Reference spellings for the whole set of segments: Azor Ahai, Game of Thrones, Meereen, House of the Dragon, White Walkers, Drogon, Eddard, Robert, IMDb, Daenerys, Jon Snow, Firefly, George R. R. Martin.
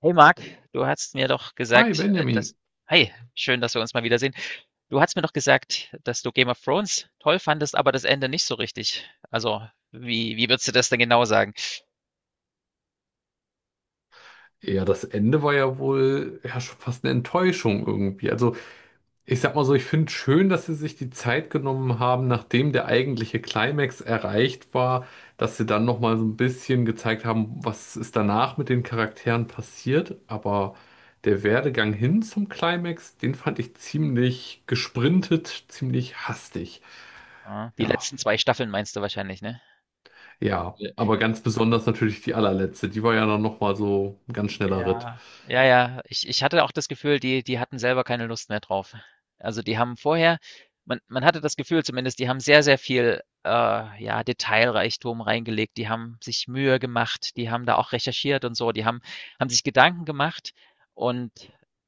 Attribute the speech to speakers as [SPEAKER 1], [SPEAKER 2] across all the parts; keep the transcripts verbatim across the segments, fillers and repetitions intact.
[SPEAKER 1] Hey Marc, du hast mir doch
[SPEAKER 2] Hi
[SPEAKER 1] gesagt, äh,
[SPEAKER 2] Benjamin.
[SPEAKER 1] dass. Hi, schön, dass wir uns mal wiedersehen. Du hast mir doch gesagt, dass du Game of Thrones toll fandest, aber das Ende nicht so richtig. Also, wie, wie würdest du das denn genau sagen?
[SPEAKER 2] Ja, das Ende war ja wohl ja schon fast eine Enttäuschung irgendwie. Also ich sag mal so, ich finde schön, dass sie sich die Zeit genommen haben, nachdem der eigentliche Climax erreicht war, dass sie dann noch mal so ein bisschen gezeigt haben, was ist danach mit den Charakteren passiert. Aber der Werdegang hin zum Climax, den fand ich ziemlich gesprintet, ziemlich hastig.
[SPEAKER 1] Ah, die
[SPEAKER 2] Ja,
[SPEAKER 1] letzten zwei Staffeln meinst du wahrscheinlich, ne?
[SPEAKER 2] ja. Aber ganz besonders natürlich die allerletzte. Die war ja dann noch mal so ein ganz schneller Ritt.
[SPEAKER 1] Ja, ja, ja. Ich ich hatte auch das Gefühl, die die hatten selber keine Lust mehr drauf. Also, die haben vorher man man hatte das Gefühl zumindest, die haben sehr, sehr viel, äh, ja, Detailreichtum reingelegt. Die haben sich Mühe gemacht, die haben da auch recherchiert und so. Die haben haben sich Gedanken gemacht, und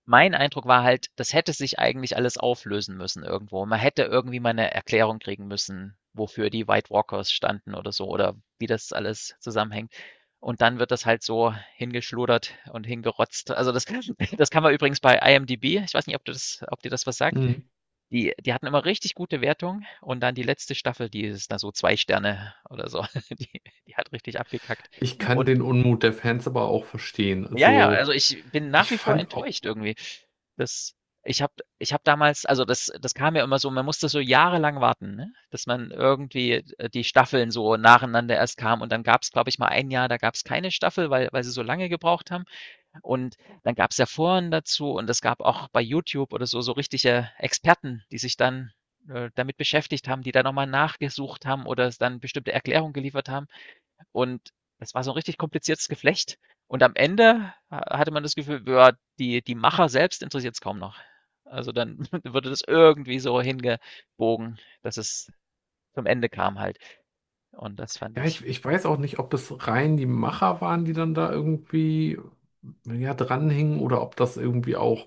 [SPEAKER 1] mein Eindruck war halt, das hätte sich eigentlich alles auflösen müssen irgendwo. Man hätte irgendwie mal eine Erklärung kriegen müssen, wofür die White Walkers standen oder so oder wie das alles zusammenhängt. Und dann wird das halt so hingeschludert und hingerotzt. Also das das kann man übrigens bei IMDb, ich weiß nicht, ob du das, ob dir das was sagt.
[SPEAKER 2] Hm.
[SPEAKER 1] Die die hatten immer richtig gute Wertungen, und dann die letzte Staffel, die ist da so zwei Sterne oder so. Die die hat richtig abgekackt.
[SPEAKER 2] Ich kann
[SPEAKER 1] Und
[SPEAKER 2] den Unmut der Fans aber auch verstehen.
[SPEAKER 1] ja, ja,
[SPEAKER 2] Also,
[SPEAKER 1] also ich bin nach
[SPEAKER 2] ich
[SPEAKER 1] wie vor
[SPEAKER 2] fand auch,
[SPEAKER 1] enttäuscht irgendwie. Das ich habe ich habe damals, also das das kam ja immer so, man musste so jahrelang warten, ne? Dass man irgendwie, äh, die Staffeln so nacheinander erst kam. Und dann gab es, glaube ich, mal ein Jahr, da gab es keine Staffel, weil weil sie so lange gebraucht haben. Und dann gab's ja Foren dazu, und es gab auch bei YouTube oder so so richtige Experten, die sich dann, äh, damit beschäftigt haben, die da nochmal nachgesucht haben oder es dann bestimmte Erklärungen geliefert haben. Und das war so ein richtig kompliziertes Geflecht. Und am Ende äh, hatte man das Gefühl, ja, die die Macher selbst interessiert es kaum noch. Also, dann wurde das irgendwie so hingebogen, dass es zum Ende kam halt. Und das fand
[SPEAKER 2] ja,
[SPEAKER 1] ich,
[SPEAKER 2] ich, ich weiß auch nicht, ob es rein die Macher waren, die dann da irgendwie, ja, dranhingen oder ob das irgendwie auch,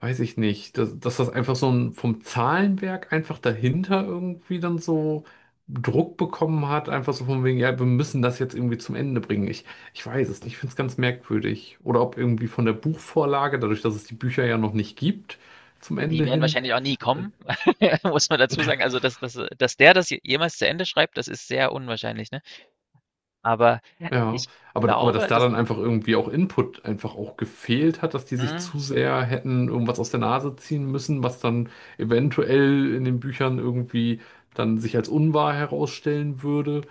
[SPEAKER 2] weiß ich nicht, dass, dass das einfach so ein, vom Zahlenwerk einfach dahinter irgendwie dann so Druck bekommen hat, einfach so von wegen, ja, wir müssen das jetzt irgendwie zum Ende bringen. Ich, ich weiß es nicht, ich finde es ganz merkwürdig. Oder ob irgendwie von der Buchvorlage, dadurch, dass es die Bücher ja noch nicht gibt, zum Ende
[SPEAKER 1] die werden
[SPEAKER 2] hin.
[SPEAKER 1] wahrscheinlich auch nie kommen, muss man dazu sagen. Also, dass dass dass der das jemals zu Ende schreibt, das ist sehr unwahrscheinlich, ne? Aber
[SPEAKER 2] Ja,
[SPEAKER 1] ich
[SPEAKER 2] aber, aber dass
[SPEAKER 1] glaube,
[SPEAKER 2] da
[SPEAKER 1] dass
[SPEAKER 2] dann einfach irgendwie auch Input einfach auch gefehlt hat, dass die sich
[SPEAKER 1] mhm.
[SPEAKER 2] zu sehr hätten irgendwas aus der Nase ziehen müssen, was dann eventuell in den Büchern irgendwie dann sich als unwahr herausstellen würde.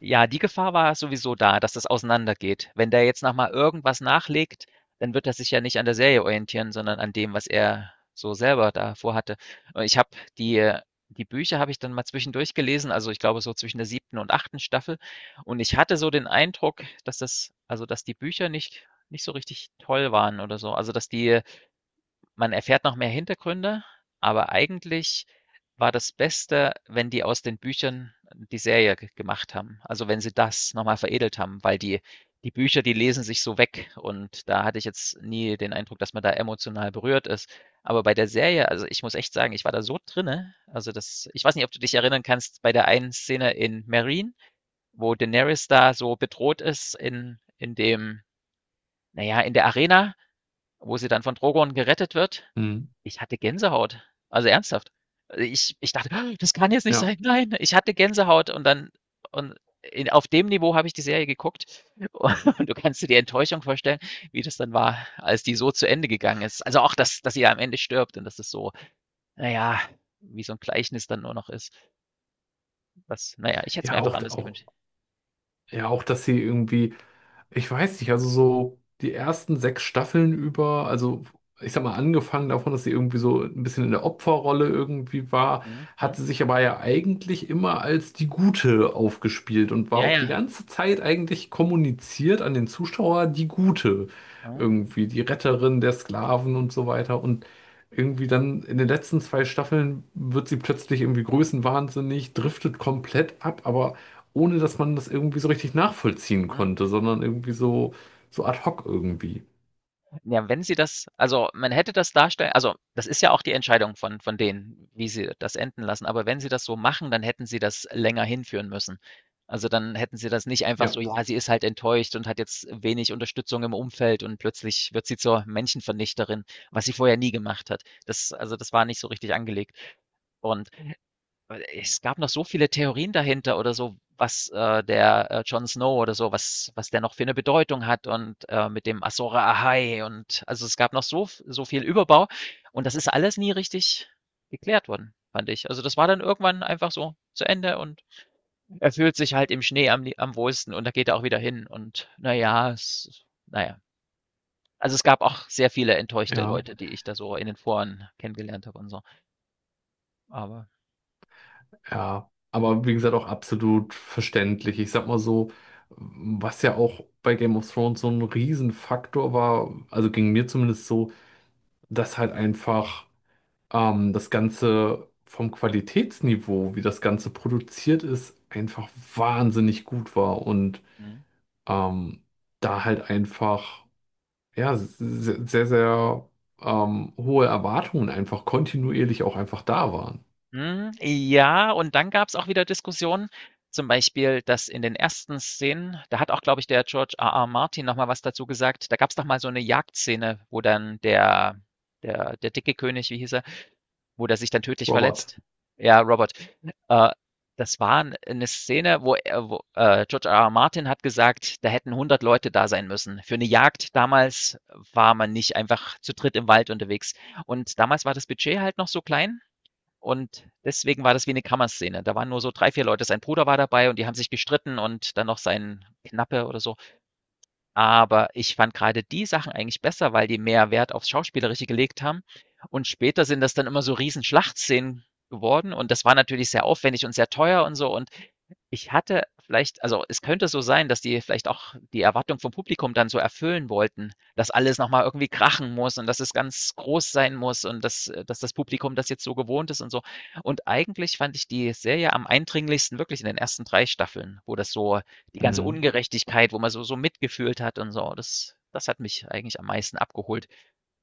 [SPEAKER 1] Ja, die Gefahr war sowieso da, dass das auseinandergeht. Wenn der jetzt noch mal irgendwas nachlegt, dann wird er sich ja nicht an der Serie orientieren, sondern an dem, was er so selber da vorhatte. Und ich habe die äh, die Bücher habe ich dann mal zwischendurch gelesen, also ich glaube so zwischen der siebten und achten Staffel. Und ich hatte so den Eindruck, dass das, also dass die Bücher nicht nicht so richtig toll waren oder so. Also, dass die man erfährt noch mehr Hintergründe, aber eigentlich war das Beste, wenn die aus den Büchern die Serie g gemacht haben. Also, wenn sie das noch mal veredelt haben, weil die die Bücher, die lesen sich so weg, und da hatte ich jetzt nie den Eindruck, dass man da emotional berührt ist. Aber bei der Serie, also, ich muss echt sagen, ich war da so drinnen, also, das ich weiß nicht, ob du dich erinnern kannst bei der einen Szene in Meereen, wo Daenerys da so bedroht ist in in dem, naja, in der Arena, wo sie dann von Drogon gerettet wird,
[SPEAKER 2] Hm.
[SPEAKER 1] ich hatte Gänsehaut. Also ernsthaft. Ich ich dachte: "Ah, „Das kann jetzt nicht
[SPEAKER 2] Ja,
[SPEAKER 1] sein. Nein!“ Ich hatte Gänsehaut und dann und in auf dem Niveau habe ich die Serie geguckt, und du kannst dir die Enttäuschung vorstellen, wie das dann war, als die so zu Ende gegangen ist. Also auch, dass dass sie am Ende stirbt und dass das so, naja, wie so ein Gleichnis dann nur noch ist, was, naja, ich hätte es mir
[SPEAKER 2] ja,
[SPEAKER 1] einfach
[SPEAKER 2] auch,
[SPEAKER 1] anders
[SPEAKER 2] auch,
[SPEAKER 1] gewünscht.
[SPEAKER 2] ja, auch, dass sie irgendwie Ich weiß nicht, also so die ersten sechs Staffeln über, also ich sag mal, angefangen davon, dass sie irgendwie so ein bisschen in der Opferrolle irgendwie war,
[SPEAKER 1] Mhm,
[SPEAKER 2] hat
[SPEAKER 1] mhm.
[SPEAKER 2] sie sich aber ja eigentlich immer als die Gute aufgespielt und war
[SPEAKER 1] Ja,
[SPEAKER 2] auch die
[SPEAKER 1] ja.
[SPEAKER 2] ganze Zeit eigentlich kommuniziert an den Zuschauer die Gute.
[SPEAKER 1] Mhm,
[SPEAKER 2] Irgendwie die Retterin der Sklaven und so weiter. Und irgendwie dann in den letzten zwei Staffeln wird sie plötzlich irgendwie größenwahnsinnig, driftet komplett ab, aber ohne dass man das irgendwie so richtig nachvollziehen konnte,
[SPEAKER 1] mhm.
[SPEAKER 2] sondern irgendwie so, so ad hoc irgendwie.
[SPEAKER 1] Ja, wenn sie das, also, man hätte das darstellen, also, das ist ja auch die Entscheidung von von denen, wie sie das enden lassen. Aber wenn sie das so machen, dann hätten sie das länger hinführen müssen. Also, dann hätten sie das nicht einfach
[SPEAKER 2] Ja,
[SPEAKER 1] so: „Ja, sie ist halt enttäuscht und hat jetzt wenig Unterstützung im Umfeld und plötzlich wird sie zur Menschenvernichterin“, was sie vorher nie gemacht hat. Das, also, das war nicht so richtig angelegt. Und weil es gab noch so viele Theorien dahinter oder so, was, äh, der, äh, Jon Snow oder so, was was der noch für eine Bedeutung hat, und, äh, mit dem Azor Ahai, und also, es gab noch so so viel Überbau, und das ist alles nie richtig geklärt worden, fand ich. Also, das war dann irgendwann einfach so zu Ende, und er fühlt sich halt im Schnee am am wohlsten, und da geht er auch wieder hin, und na ja, es na ja. Also, es gab auch sehr viele enttäuschte
[SPEAKER 2] ja,
[SPEAKER 1] Leute, die ich da so in den Foren kennengelernt habe und so, aber
[SPEAKER 2] ja. Aber wie gesagt, auch absolut verständlich. Ich sag mal so, was ja auch bei Game of Thrones so ein Riesenfaktor war, also ging mir zumindest so, dass halt einfach ähm, das Ganze vom Qualitätsniveau, wie das Ganze produziert ist, einfach wahnsinnig gut war und
[SPEAKER 1] mhm.
[SPEAKER 2] ähm, da halt einfach. Ja, se- sehr, sehr ähm, hohe Erwartungen einfach kontinuierlich auch einfach da waren.
[SPEAKER 1] Hm, ja, und dann gab's auch wieder Diskussionen, zum Beispiel, dass in den ersten Szenen, da hat auch, glaube ich, der George R. R. Martin noch mal was dazu gesagt. Da gab's doch mal so 'ne Jagdszene, wo dann der der der dicke König, wie hieß er, wo der sich dann tödlich
[SPEAKER 2] Robert.
[SPEAKER 1] verletzt. Ja, Robert. Äh, Das war 'n 'ne Szene, wo er wo, äh, George R R. Martin hat gesagt, da hätten hundert Leute da sein müssen. Für 'ne Jagd damals war man nicht einfach zu dritt im Wald unterwegs. Und damals war das Budget halt noch so klein, und deswegen war das wie eine Kammerszene. Da waren nur so drei, vier Leute. Sein Bruder war dabei und die haben sich gestritten und dann noch sein Knappe oder so. Aber ich fand gerade die Sachen eigentlich besser, weil die mehr Wert aufs Schauspielerische gelegt haben. Und später sind das dann immer so Riesen-Schlachtszenen geworden, und das war natürlich sehr aufwendig und sehr teuer und so, und ich hatte vielleicht, also, es könnte so sein, dass die vielleicht auch die Erwartung vom Publikum dann so erfüllen wollten, dass alles noch mal irgendwie krachen muss und dass es ganz groß sein muss und dass äh, dass das Publikum das jetzt so gewohnt ist und so. Und eigentlich fand ich die Serie am eindringlichsten wirklich in den ersten drei Staffeln, wo das so die ganze
[SPEAKER 2] Mhm.
[SPEAKER 1] Ungerechtigkeit, wo man so so mitgefühlt hat und so, das das hat mich eigentlich am meisten abgeholt,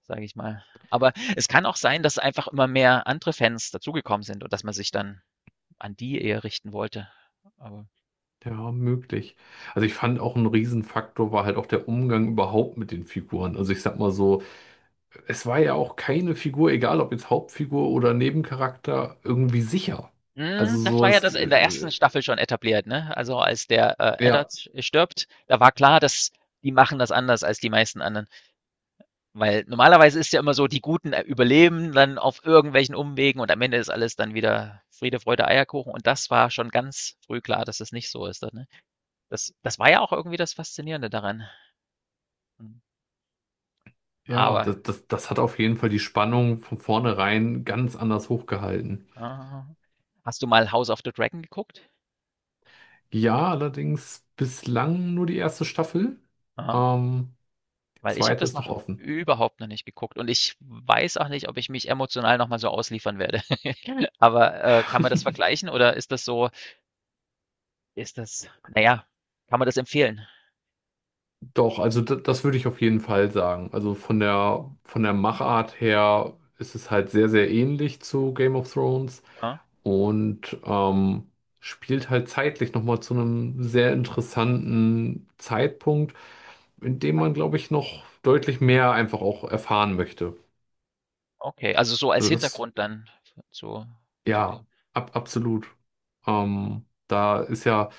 [SPEAKER 1] sage ich mal. Aber es kann auch sein, dass einfach immer mehr andere Fans dazugekommen sind und dass man sich dann an die eher richten wollte, aber
[SPEAKER 2] Ja, möglich. Also ich fand auch ein Riesenfaktor war halt auch der Umgang überhaupt mit den Figuren. Also ich sag mal so, es war ja auch keine Figur, egal ob jetzt Hauptfigur oder Nebencharakter, irgendwie sicher.
[SPEAKER 1] hm,
[SPEAKER 2] Also
[SPEAKER 1] das
[SPEAKER 2] so
[SPEAKER 1] war ja
[SPEAKER 2] ist,
[SPEAKER 1] das in der
[SPEAKER 2] äh,
[SPEAKER 1] ersten Staffel schon etabliert, ne? Also als der äh,
[SPEAKER 2] ja,
[SPEAKER 1] Eddard stirbt, da war klar, dass die machen das anders als die meisten anderen. Weil normalerweise ist ja immer so, die Guten äh, überleben dann auf irgendwelchen Umwegen und am Ende ist alles dann wieder Friede, Freude, Eierkuchen. Und das war schon ganz früh klar, dass es nicht so ist. Ne? Das, das war ja auch irgendwie das Faszinierende daran.
[SPEAKER 2] ja,
[SPEAKER 1] Aber
[SPEAKER 2] das, das, das hat auf jeden Fall die Spannung von vornherein ganz anders hochgehalten.
[SPEAKER 1] äh, hast du mal House of the Dragon geguckt?
[SPEAKER 2] Ja, allerdings bislang nur die erste Staffel.
[SPEAKER 1] Ah.
[SPEAKER 2] Ähm, die
[SPEAKER 1] Weil ich habe
[SPEAKER 2] zweite
[SPEAKER 1] das
[SPEAKER 2] ist noch
[SPEAKER 1] noch
[SPEAKER 2] offen.
[SPEAKER 1] überhaupt noch nicht geguckt, und ich weiß auch nicht, ob ich mich emotional noch mal so ausliefern werde. Aber, äh, kann man das vergleichen oder ist das so ist das, na ja, kann man das empfehlen?
[SPEAKER 2] Doch, also d- das würde ich auf jeden Fall sagen. Also von der von der Machart her ist es halt sehr, sehr ähnlich zu Game of Thrones
[SPEAKER 1] Ja?
[SPEAKER 2] und ähm, spielt halt zeitlich nochmal zu einem sehr interessanten Zeitpunkt, in dem man, glaube ich, noch deutlich mehr einfach auch erfahren möchte.
[SPEAKER 1] Okay, also so als
[SPEAKER 2] Also das.
[SPEAKER 1] Hintergrund dann zu zu dem,
[SPEAKER 2] Ja, ab, absolut. Ähm, da ist ja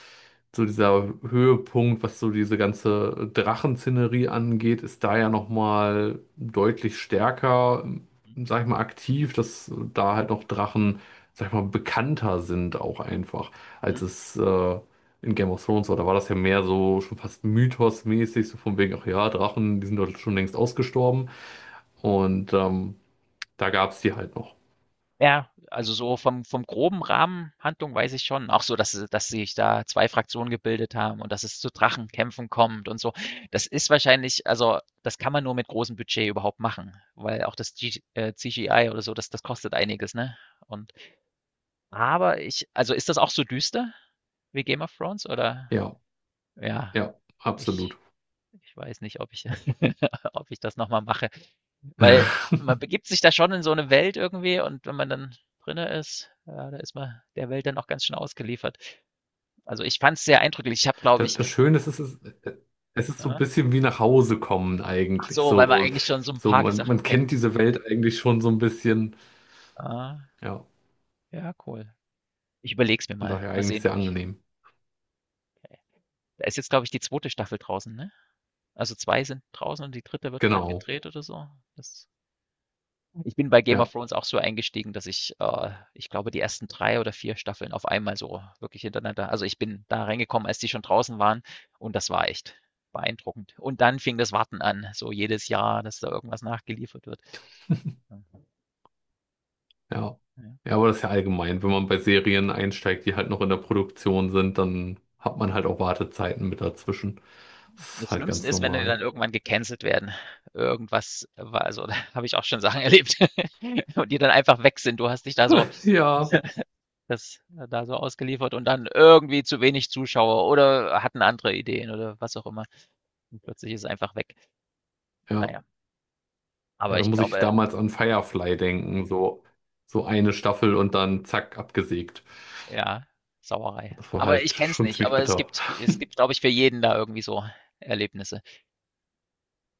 [SPEAKER 2] so dieser Höhepunkt, was so diese ganze Drachenszenerie angeht, ist da ja nochmal deutlich stärker, hm, sag ich mal, aktiv, dass da halt noch Drachen, sag ich mal, bekannter sind auch einfach,
[SPEAKER 1] mhm,
[SPEAKER 2] als es äh, in Game of Thrones war. Da war das ja mehr so schon fast mythosmäßig, so von wegen, ach
[SPEAKER 1] mhm.
[SPEAKER 2] ja, Drachen, die sind doch schon längst ausgestorben. Und ähm, da gab es die halt noch.
[SPEAKER 1] Ja, also so vom vom groben Rahmen Handlung weiß ich schon, auch so, dass sie dass sich da zwei Fraktionen gebildet haben und dass es zu Drachenkämpfen kommt und so. Das ist wahrscheinlich, also, das kann man nur mit großem Budget überhaupt machen, weil auch das G äh, C G I oder so, das das kostet einiges, ne? Und aber ich, also, ist das auch so düster wie Game of Thrones oder
[SPEAKER 2] Ja,
[SPEAKER 1] ja,
[SPEAKER 2] ja, absolut.
[SPEAKER 1] ich ich weiß nicht, ob ich ob ich das noch mal mache, weil man begibt sich da schon in so eine Welt irgendwie, und wenn man dann drinne ist, ja, da ist man der Welt dann auch ganz schön ausgeliefert. Also, ich fand es sehr eindrücklich. Ich habe, glaube
[SPEAKER 2] Das,
[SPEAKER 1] ich,
[SPEAKER 2] das Schöne ist, es ist, es ist so ein
[SPEAKER 1] aha,
[SPEAKER 2] bisschen wie nach Hause kommen
[SPEAKER 1] ach
[SPEAKER 2] eigentlich.
[SPEAKER 1] so, weil man
[SPEAKER 2] So,
[SPEAKER 1] eigentlich schon so ein
[SPEAKER 2] so
[SPEAKER 1] paar
[SPEAKER 2] man,
[SPEAKER 1] Sachen
[SPEAKER 2] man kennt
[SPEAKER 1] kennt.
[SPEAKER 2] diese Welt eigentlich schon so ein bisschen.
[SPEAKER 1] Ah,
[SPEAKER 2] Ja,
[SPEAKER 1] ja, cool. Ich überleg's mir
[SPEAKER 2] von
[SPEAKER 1] mal.
[SPEAKER 2] daher
[SPEAKER 1] Mal
[SPEAKER 2] eigentlich
[SPEAKER 1] sehen,
[SPEAKER 2] sehr
[SPEAKER 1] ob ich
[SPEAKER 2] angenehm.
[SPEAKER 1] da ist jetzt, glaube ich, die zweite Staffel draußen, ne? Also, zwei sind draußen und die dritte wird gerade
[SPEAKER 2] Genau,
[SPEAKER 1] gedreht oder so. Das ich bin bei Game of
[SPEAKER 2] ja,
[SPEAKER 1] Thrones auch so eingestiegen, dass ich, äh, ich glaube, die ersten drei oder vier Staffeln auf einmal so wirklich hintereinander. Also ich bin da reingekommen, als die schon draußen waren, und das war echt beeindruckend. Und dann fing das Warten an, so jedes Jahr, dass da irgendwas nachgeliefert wird. Ja.
[SPEAKER 2] ja. Ja, aber das ist ja allgemein. Wenn man bei Serien einsteigt, die halt noch in der Produktion sind, dann hat man halt auch Wartezeiten mit dazwischen. Das ist
[SPEAKER 1] Das
[SPEAKER 2] halt
[SPEAKER 1] Schlimmste
[SPEAKER 2] ganz
[SPEAKER 1] ist, wenn die
[SPEAKER 2] normal.
[SPEAKER 1] dann irgendwann gecancelt werden. Irgendwas war, also da habe ich auch schon Sachen erlebt und die dann einfach weg sind. Du hast dich da so
[SPEAKER 2] Ja,
[SPEAKER 1] das äh, da so ausgeliefert und dann irgendwie zu wenig Zuschauer oder hatten andere Ideen oder was auch immer. Und plötzlich ist es einfach weg.
[SPEAKER 2] ja.
[SPEAKER 1] Naja,
[SPEAKER 2] Ja,
[SPEAKER 1] aber
[SPEAKER 2] da
[SPEAKER 1] ich
[SPEAKER 2] muss ich
[SPEAKER 1] glaube,
[SPEAKER 2] damals an Firefly denken. So, so eine Staffel und dann zack, abgesägt.
[SPEAKER 1] ja, Sauerei.
[SPEAKER 2] Das war
[SPEAKER 1] Aber
[SPEAKER 2] halt
[SPEAKER 1] ich kenn's
[SPEAKER 2] schon
[SPEAKER 1] nicht,
[SPEAKER 2] ziemlich
[SPEAKER 1] aber es
[SPEAKER 2] bitter.
[SPEAKER 1] gibt es gibt, glaube ich, für jeden da irgendwie so Erlebnisse.